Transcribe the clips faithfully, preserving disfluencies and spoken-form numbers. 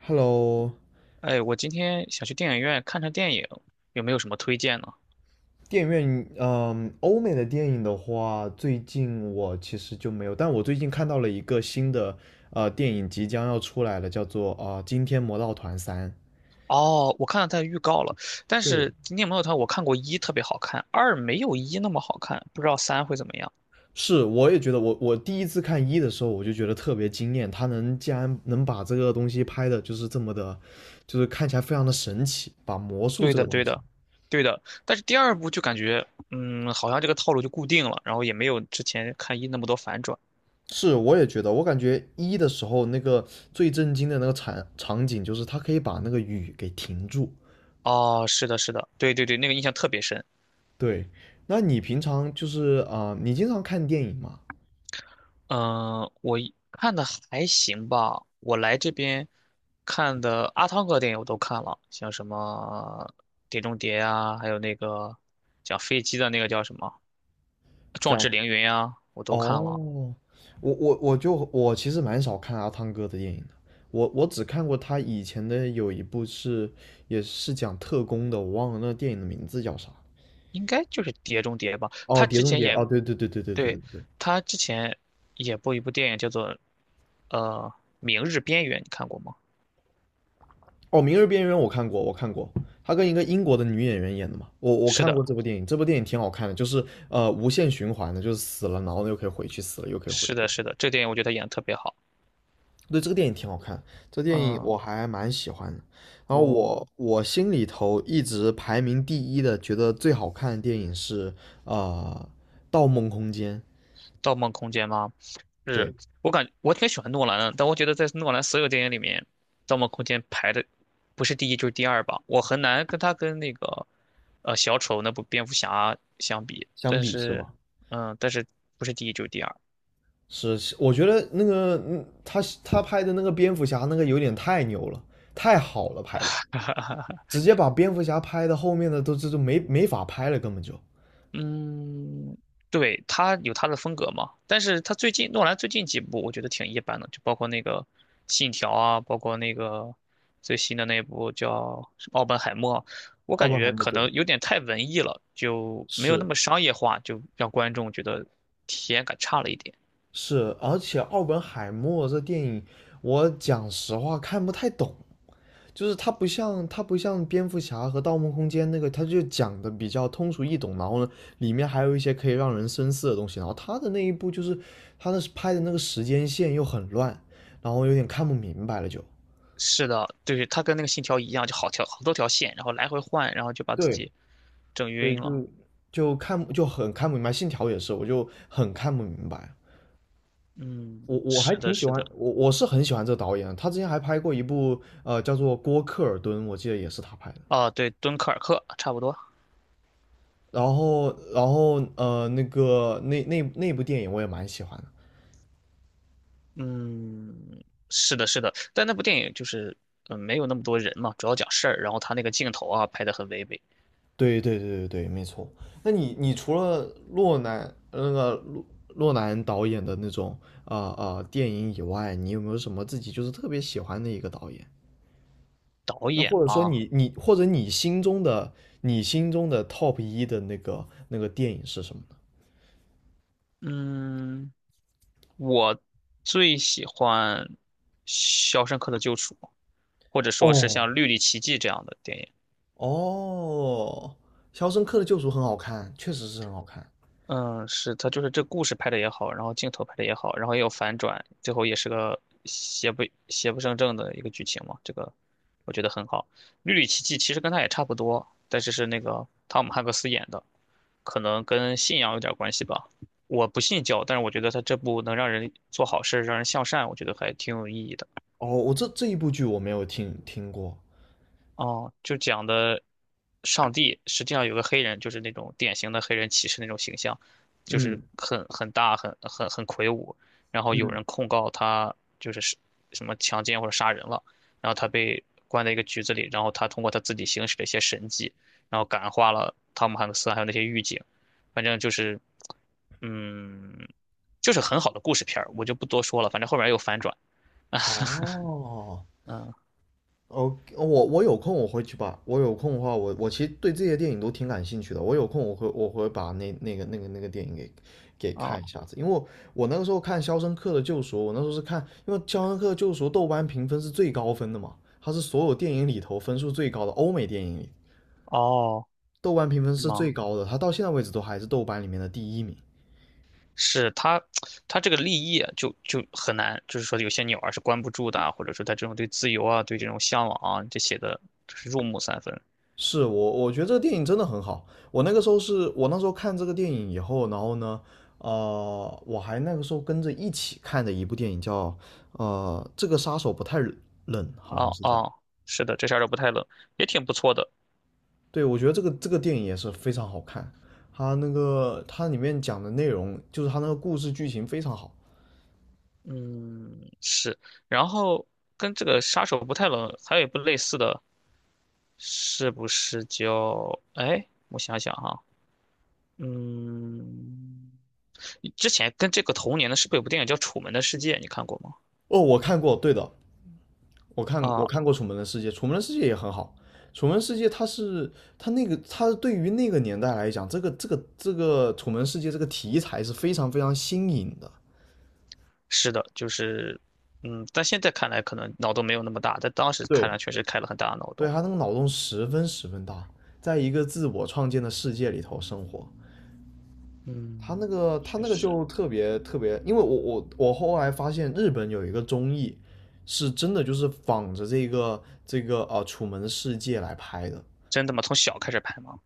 Hello，哎，我今天想去电影院看看电影，有没有什么推荐呢？电影院，嗯，欧美的电影的话，最近我其实就没有，但我最近看到了一个新的呃电影即将要出来了，叫做啊、呃惊天魔盗团三》。哦，我看到它的预告了，但对，是《今天没有它我看过一特别好看，二没有一那么好看，不知道三会怎么样。是，我也觉得我，我第一次看一的时候，我就觉得特别惊艳，他能竟然能把这个东西拍的，就是这么的，就是看起来非常的神奇，把魔术对这个的，东对西。的，对的。但是第二部就感觉，嗯，好像这个套路就固定了，然后也没有之前看一那么多反转。是，我也觉得，我感觉一的时候那个最震惊的那个场场景，就是他可以把那个雨给停住。哦，是的，是的，对对对，那个印象特别深。对，那你平常就是啊、呃你经常看电影吗？嗯，我一看的还行吧。我来这边看的阿汤哥电影我都看了，像什么《碟中谍》啊，还有那个讲飞机的那个叫什么《壮志叫凌云》啊，我都看了。哦，我我我就我其实蛮少看阿汤哥的电影的，我我只看过他以前的有一部是也是讲特工的，我忘了那电影的名字叫啥。应该就是《碟中谍》吧。哦，他《碟之中前谍》演，哦，对对对对对对对，对对。他之前演过一部电影叫做呃《明日边缘》，你看过吗？哦，《明日边缘》我看过，我看过，他跟一个英国的女演员演的嘛，我我是看的，过这部电影，这部电影挺好看的，就是呃无限循环的，就是死了然后又可以回去，死了又可以回是去。的，是的，这个电影我觉得他演的特别好。对，这个电影挺好看，这个电影嗯，我还蛮喜欢的。然后我我我心里头一直排名第一的，觉得最好看的电影是呃《盗梦空间》。《盗梦空间》吗？是对，我感我挺喜欢诺兰的，但我觉得在诺兰所有电影里面，《盗梦空间》排的不是第一就是第二吧。我很难跟他跟那个呃小丑那部蝙蝠侠相比，相但比是是吗？嗯，但是不是第一就是第二。是，是我觉得那个嗯，他他拍的那个蝙蝠侠那个有点太牛了，太好了拍的，直接把蝙蝠侠拍的后面的都这都没没法拍了，根本就。嗯，对，他有他的风格嘛，但是他最近诺兰最近几部我觉得挺一般的，就包括那个《信条》啊，包括那个最新的那部叫什么奥本海默》，我奥感本海觉默可对，能有点太文艺了，就没有那是么商业化，就让观众觉得体验感差了一点。是，而且奥本海默这电影，我讲实话看不太懂。就是它不像它不像蝙蝠侠和盗梦空间那个，它就讲的比较通俗易懂，然后呢，里面还有一些可以让人深思的东西。然后他的那一部就是他的拍的那个时间线又很乱，然后有点看不明白了就。是的，对，他跟那个《信条》一样，就好条好多条线，然后来回换，然后就把自对己整对，晕了。就就看就很看不明白。信条也是，我就很看不明白。嗯，我我还是的，挺喜是欢的，我我是很喜欢这个导演的他之前还拍过一部呃叫做《郭克尔顿》，我记得也是他拍的。啊，对，《敦刻尔克》差不多。然后，然后，呃，那个那那那部电影我也蛮喜欢的。嗯，是的，是的，但那部电影就是，嗯，没有那么多人嘛，主要讲事儿，然后他那个镜头啊拍的很唯美。对对对对对，没错。那你你除了洛南那个洛洛南导演的那种啊啊、呃呃、电影以外，你有没有什么自己就是特别喜欢的一个导演？导那演或者说嘛，你你或者你心中的你心中的 top 一的那个那个电影是什么呢？嗯，我最喜欢《肖申克的救赎》，或者说是哦像《绿里奇迹》这样的电影。哦，《肖申克的救赎》很好看，确实是很好看。嗯，是他就是这故事拍的也好，然后镜头拍的也好，然后也有反转，最后也是个邪不邪不胜正的一个剧情嘛，这个我觉得很好。《绿里奇迹》其实跟他也差不多，但是是那个汤姆汉克斯演的。可能跟信仰有点关系吧。我不信教，但是我觉得他这部能让人做好事，让人向善，我觉得还挺有意义的。哦，我这这一部剧我没有听听过。哦，就讲的上帝实际上有个黑人，就是那种典型的黑人骑士那种形象，就是嗯，很很大、很很很魁梧。然后有嗯，人控告他就是是什么强奸或者杀人了，然后他被关在一个局子里，然后他通过他自己行使的一些神迹，然后感化了汤姆汉克斯还有那些狱警。反正就是，嗯，就是很好的故事片儿，我就不多说了。反正后面有反转。哦嗯，哦，我我有空我回去把，我有空的话，我我其实对这些电影都挺感兴趣的。我有空我会我会把那那个那个那个电影给给哦看一下子，因为我我那个时候看《肖申克的救赎》，我那时候是看，因为《肖申克的救赎》豆瓣评分是最高分的嘛，它是所有电影里头分数最高的，欧美电影里哦，豆瓣评分是是吗？最高的，它到现在为止都还是豆瓣里面的第一名。是他，他这个立业就就很难，就是说有些鸟儿是关不住的啊，或者说他这种对自由啊，对这种向往啊，这写的就是入木三分。是我，我觉得这个电影真的很好。我那个时候是我那时候看这个电影以后，然后呢，呃，我还那个时候跟着一起看的一部电影叫呃，这个杀手不太冷，好像哦是叫。哦，是的，这下儿都不太冷，也挺不错的。对，我觉得这个这个电影也是非常好看，它那个它里面讲的内容，就是它那个故事剧情非常好。嗯，是。然后跟这个杀手不太冷还有一部类似的，是不是叫？哎，我想想哈，嗯，之前跟这个同年的是不是有部电影叫《楚门的世界》？你看过吗？哦，我看过，对的，我看我看啊过《楚门的世界》，《楚门的世界》也很好，《楚门世界》它是它那个它对于那个年代来讲，这个这个这个《楚门世界》这个题材是非常非常新颖的。是的，就是，嗯，但现在看来可能脑洞没有那么大，但当时看来对，确实开了很大的脑对洞。他那个脑洞十分十分大，在一个自我创建的世界里头生活。他嗯，那个他确那个实，就特别特别，因为我我我后来发现日本有一个综艺，是真的就是仿着这个这个啊楚门世界》来拍的，真的吗？从小开始拍吗？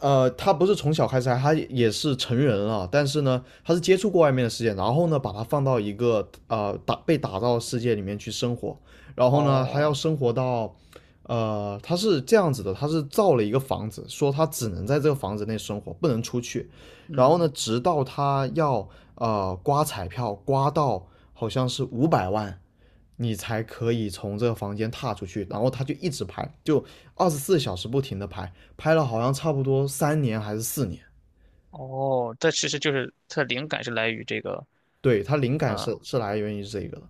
呃，他不是从小开始他也是成人了，但是呢，他是接触过外面的世界，然后呢，把他放到一个呃打被打造的世界里面去生活，然后呢，他要哦，生活到，呃，他是这样子的，他是造了一个房子，说他只能在这个房子内生活，不能出去，然后嗯，呢，直到他要呃刮彩票刮到好像是五百万，你才可以从这个房间踏出去。然后他就一直拍，就二十四小时不停的拍，拍了好像差不多三年还是四年。哦，但其实就是它的灵感是来于这个，对，他灵感嗯，是是来源于这个的，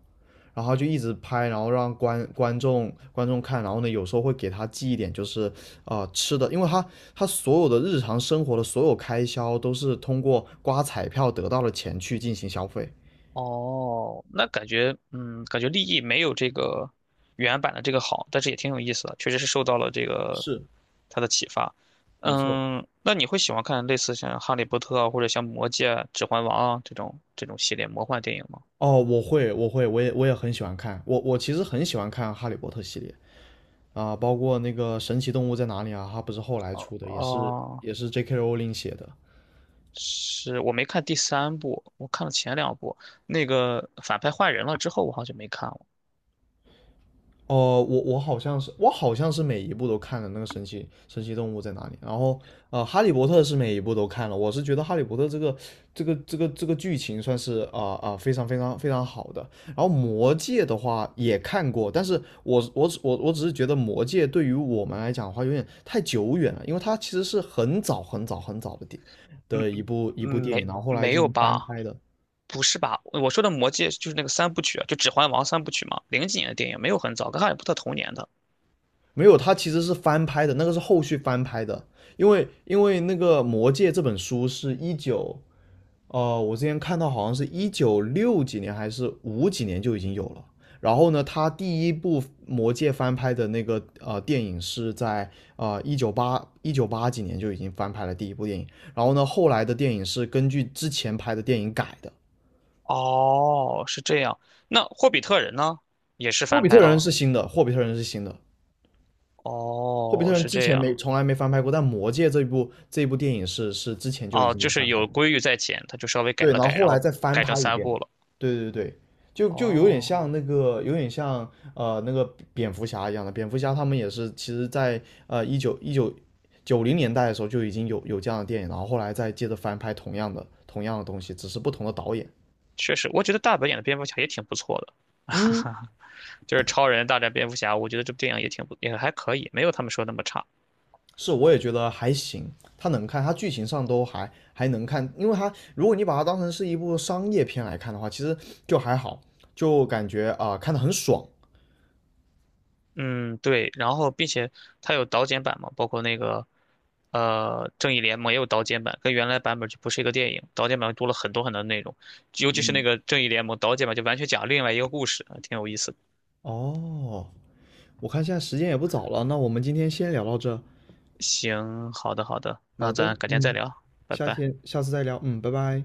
然后就一直拍，然后让观观众观众看，然后呢，有时候会给他寄一点就是呃吃的，因为他他所有的日常生活的所有开销都是通过刮彩票得到的钱去进行消费。哦，那感觉，嗯，感觉立意没有这个原版的这个好，但是也挺有意思的，确实是受到了这个是，它的启发。没错。嗯，那你会喜欢看类似像《哈利波特》啊，或者像《魔戒》啊指环王》啊这种这种系列魔幻电影吗？哦，我会，我会，我也我也很喜欢看，我我其实很喜欢看《哈利波特》系列。啊，包括那个《神奇动物在哪里》啊，它不是后来出的，也是哦，也是 J K 罗琳写的。是我没看第三部，我看了前两部。那个反派换人了之后，我好像没看了。呃，我我好像是我好像是每一部都看了那个神奇神奇动物在哪里，然后呃，哈利波特是每一部都看了，我是觉得哈利波特这个这个这个这个剧情算是啊啊、呃呃、非常非常非常好的，然后魔戒的话也看过，但是我我我我只是觉得魔戒对于我们来讲的话有点太久远了，因为它其实是很早很早很早的电嗯的一部一嗯，部电影，没然后后来没进有行翻吧？拍的，不是吧？我说的《魔戒》就是那个三部曲啊，就《指环王》三部曲嘛，零几年的电影，没有很早，跟哈利波特同年的。没有，它其实是翻拍的，那个是后续翻拍的，因为因为那个《魔戒》这本书是一九，呃，我之前看到好像是一九六几年还是五几年就已经有了。然后呢，他第一部《魔戒》翻拍的那个呃电影是在呃一九八一九八几年就已经翻拍了第一部电影。然后呢，后来的电影是根据之前拍的电影改的。哦，是这样。那霍比特人呢？也是《霍翻比拍特人》了。是新的，《霍比特人》是新的。霍比哦，特人是之这前没样。从来没翻拍过，但《魔戒》这一部这一部电影是是之前就已哦，经就有翻是拍有过，规律在前，他就稍微改对，然了后改，后然来后再翻改成拍一三遍，部了。对对对，就就有点哦，像那个，有点像呃那个蝙蝠侠一样的，蝙蝠侠他们也是，其实在呃一九一九九零年代的时候就已经有有这样的电影，然后后来再接着翻拍同样的同样的东西，只是不同的导演。确实，我觉得大本演的蝙蝠侠也挺不错的。嗯，就是超人大战蝙蝠侠，我觉得这部电影也挺不也还可以，没有他们说那么差。是，我也觉得还行，它能看，它剧情上都还还能看，因为它如果你把它当成是一部商业片来看的话，其实就还好，就感觉啊、呃看得很爽。嗯，对，然后并且它有导剪版嘛，包括那个呃正义联盟也有导剪版，跟原来版本就不是一个电影，导剪版多了很多很多内容，尤其是那个正义联盟导剪版就完全讲另外一个故事，挺有意思的。哦，我看现在时间也不早了，那我们今天先聊到这。行，好的好的，好那的，咱改天再嗯，聊，拜下拜。天下次再聊，嗯，拜拜。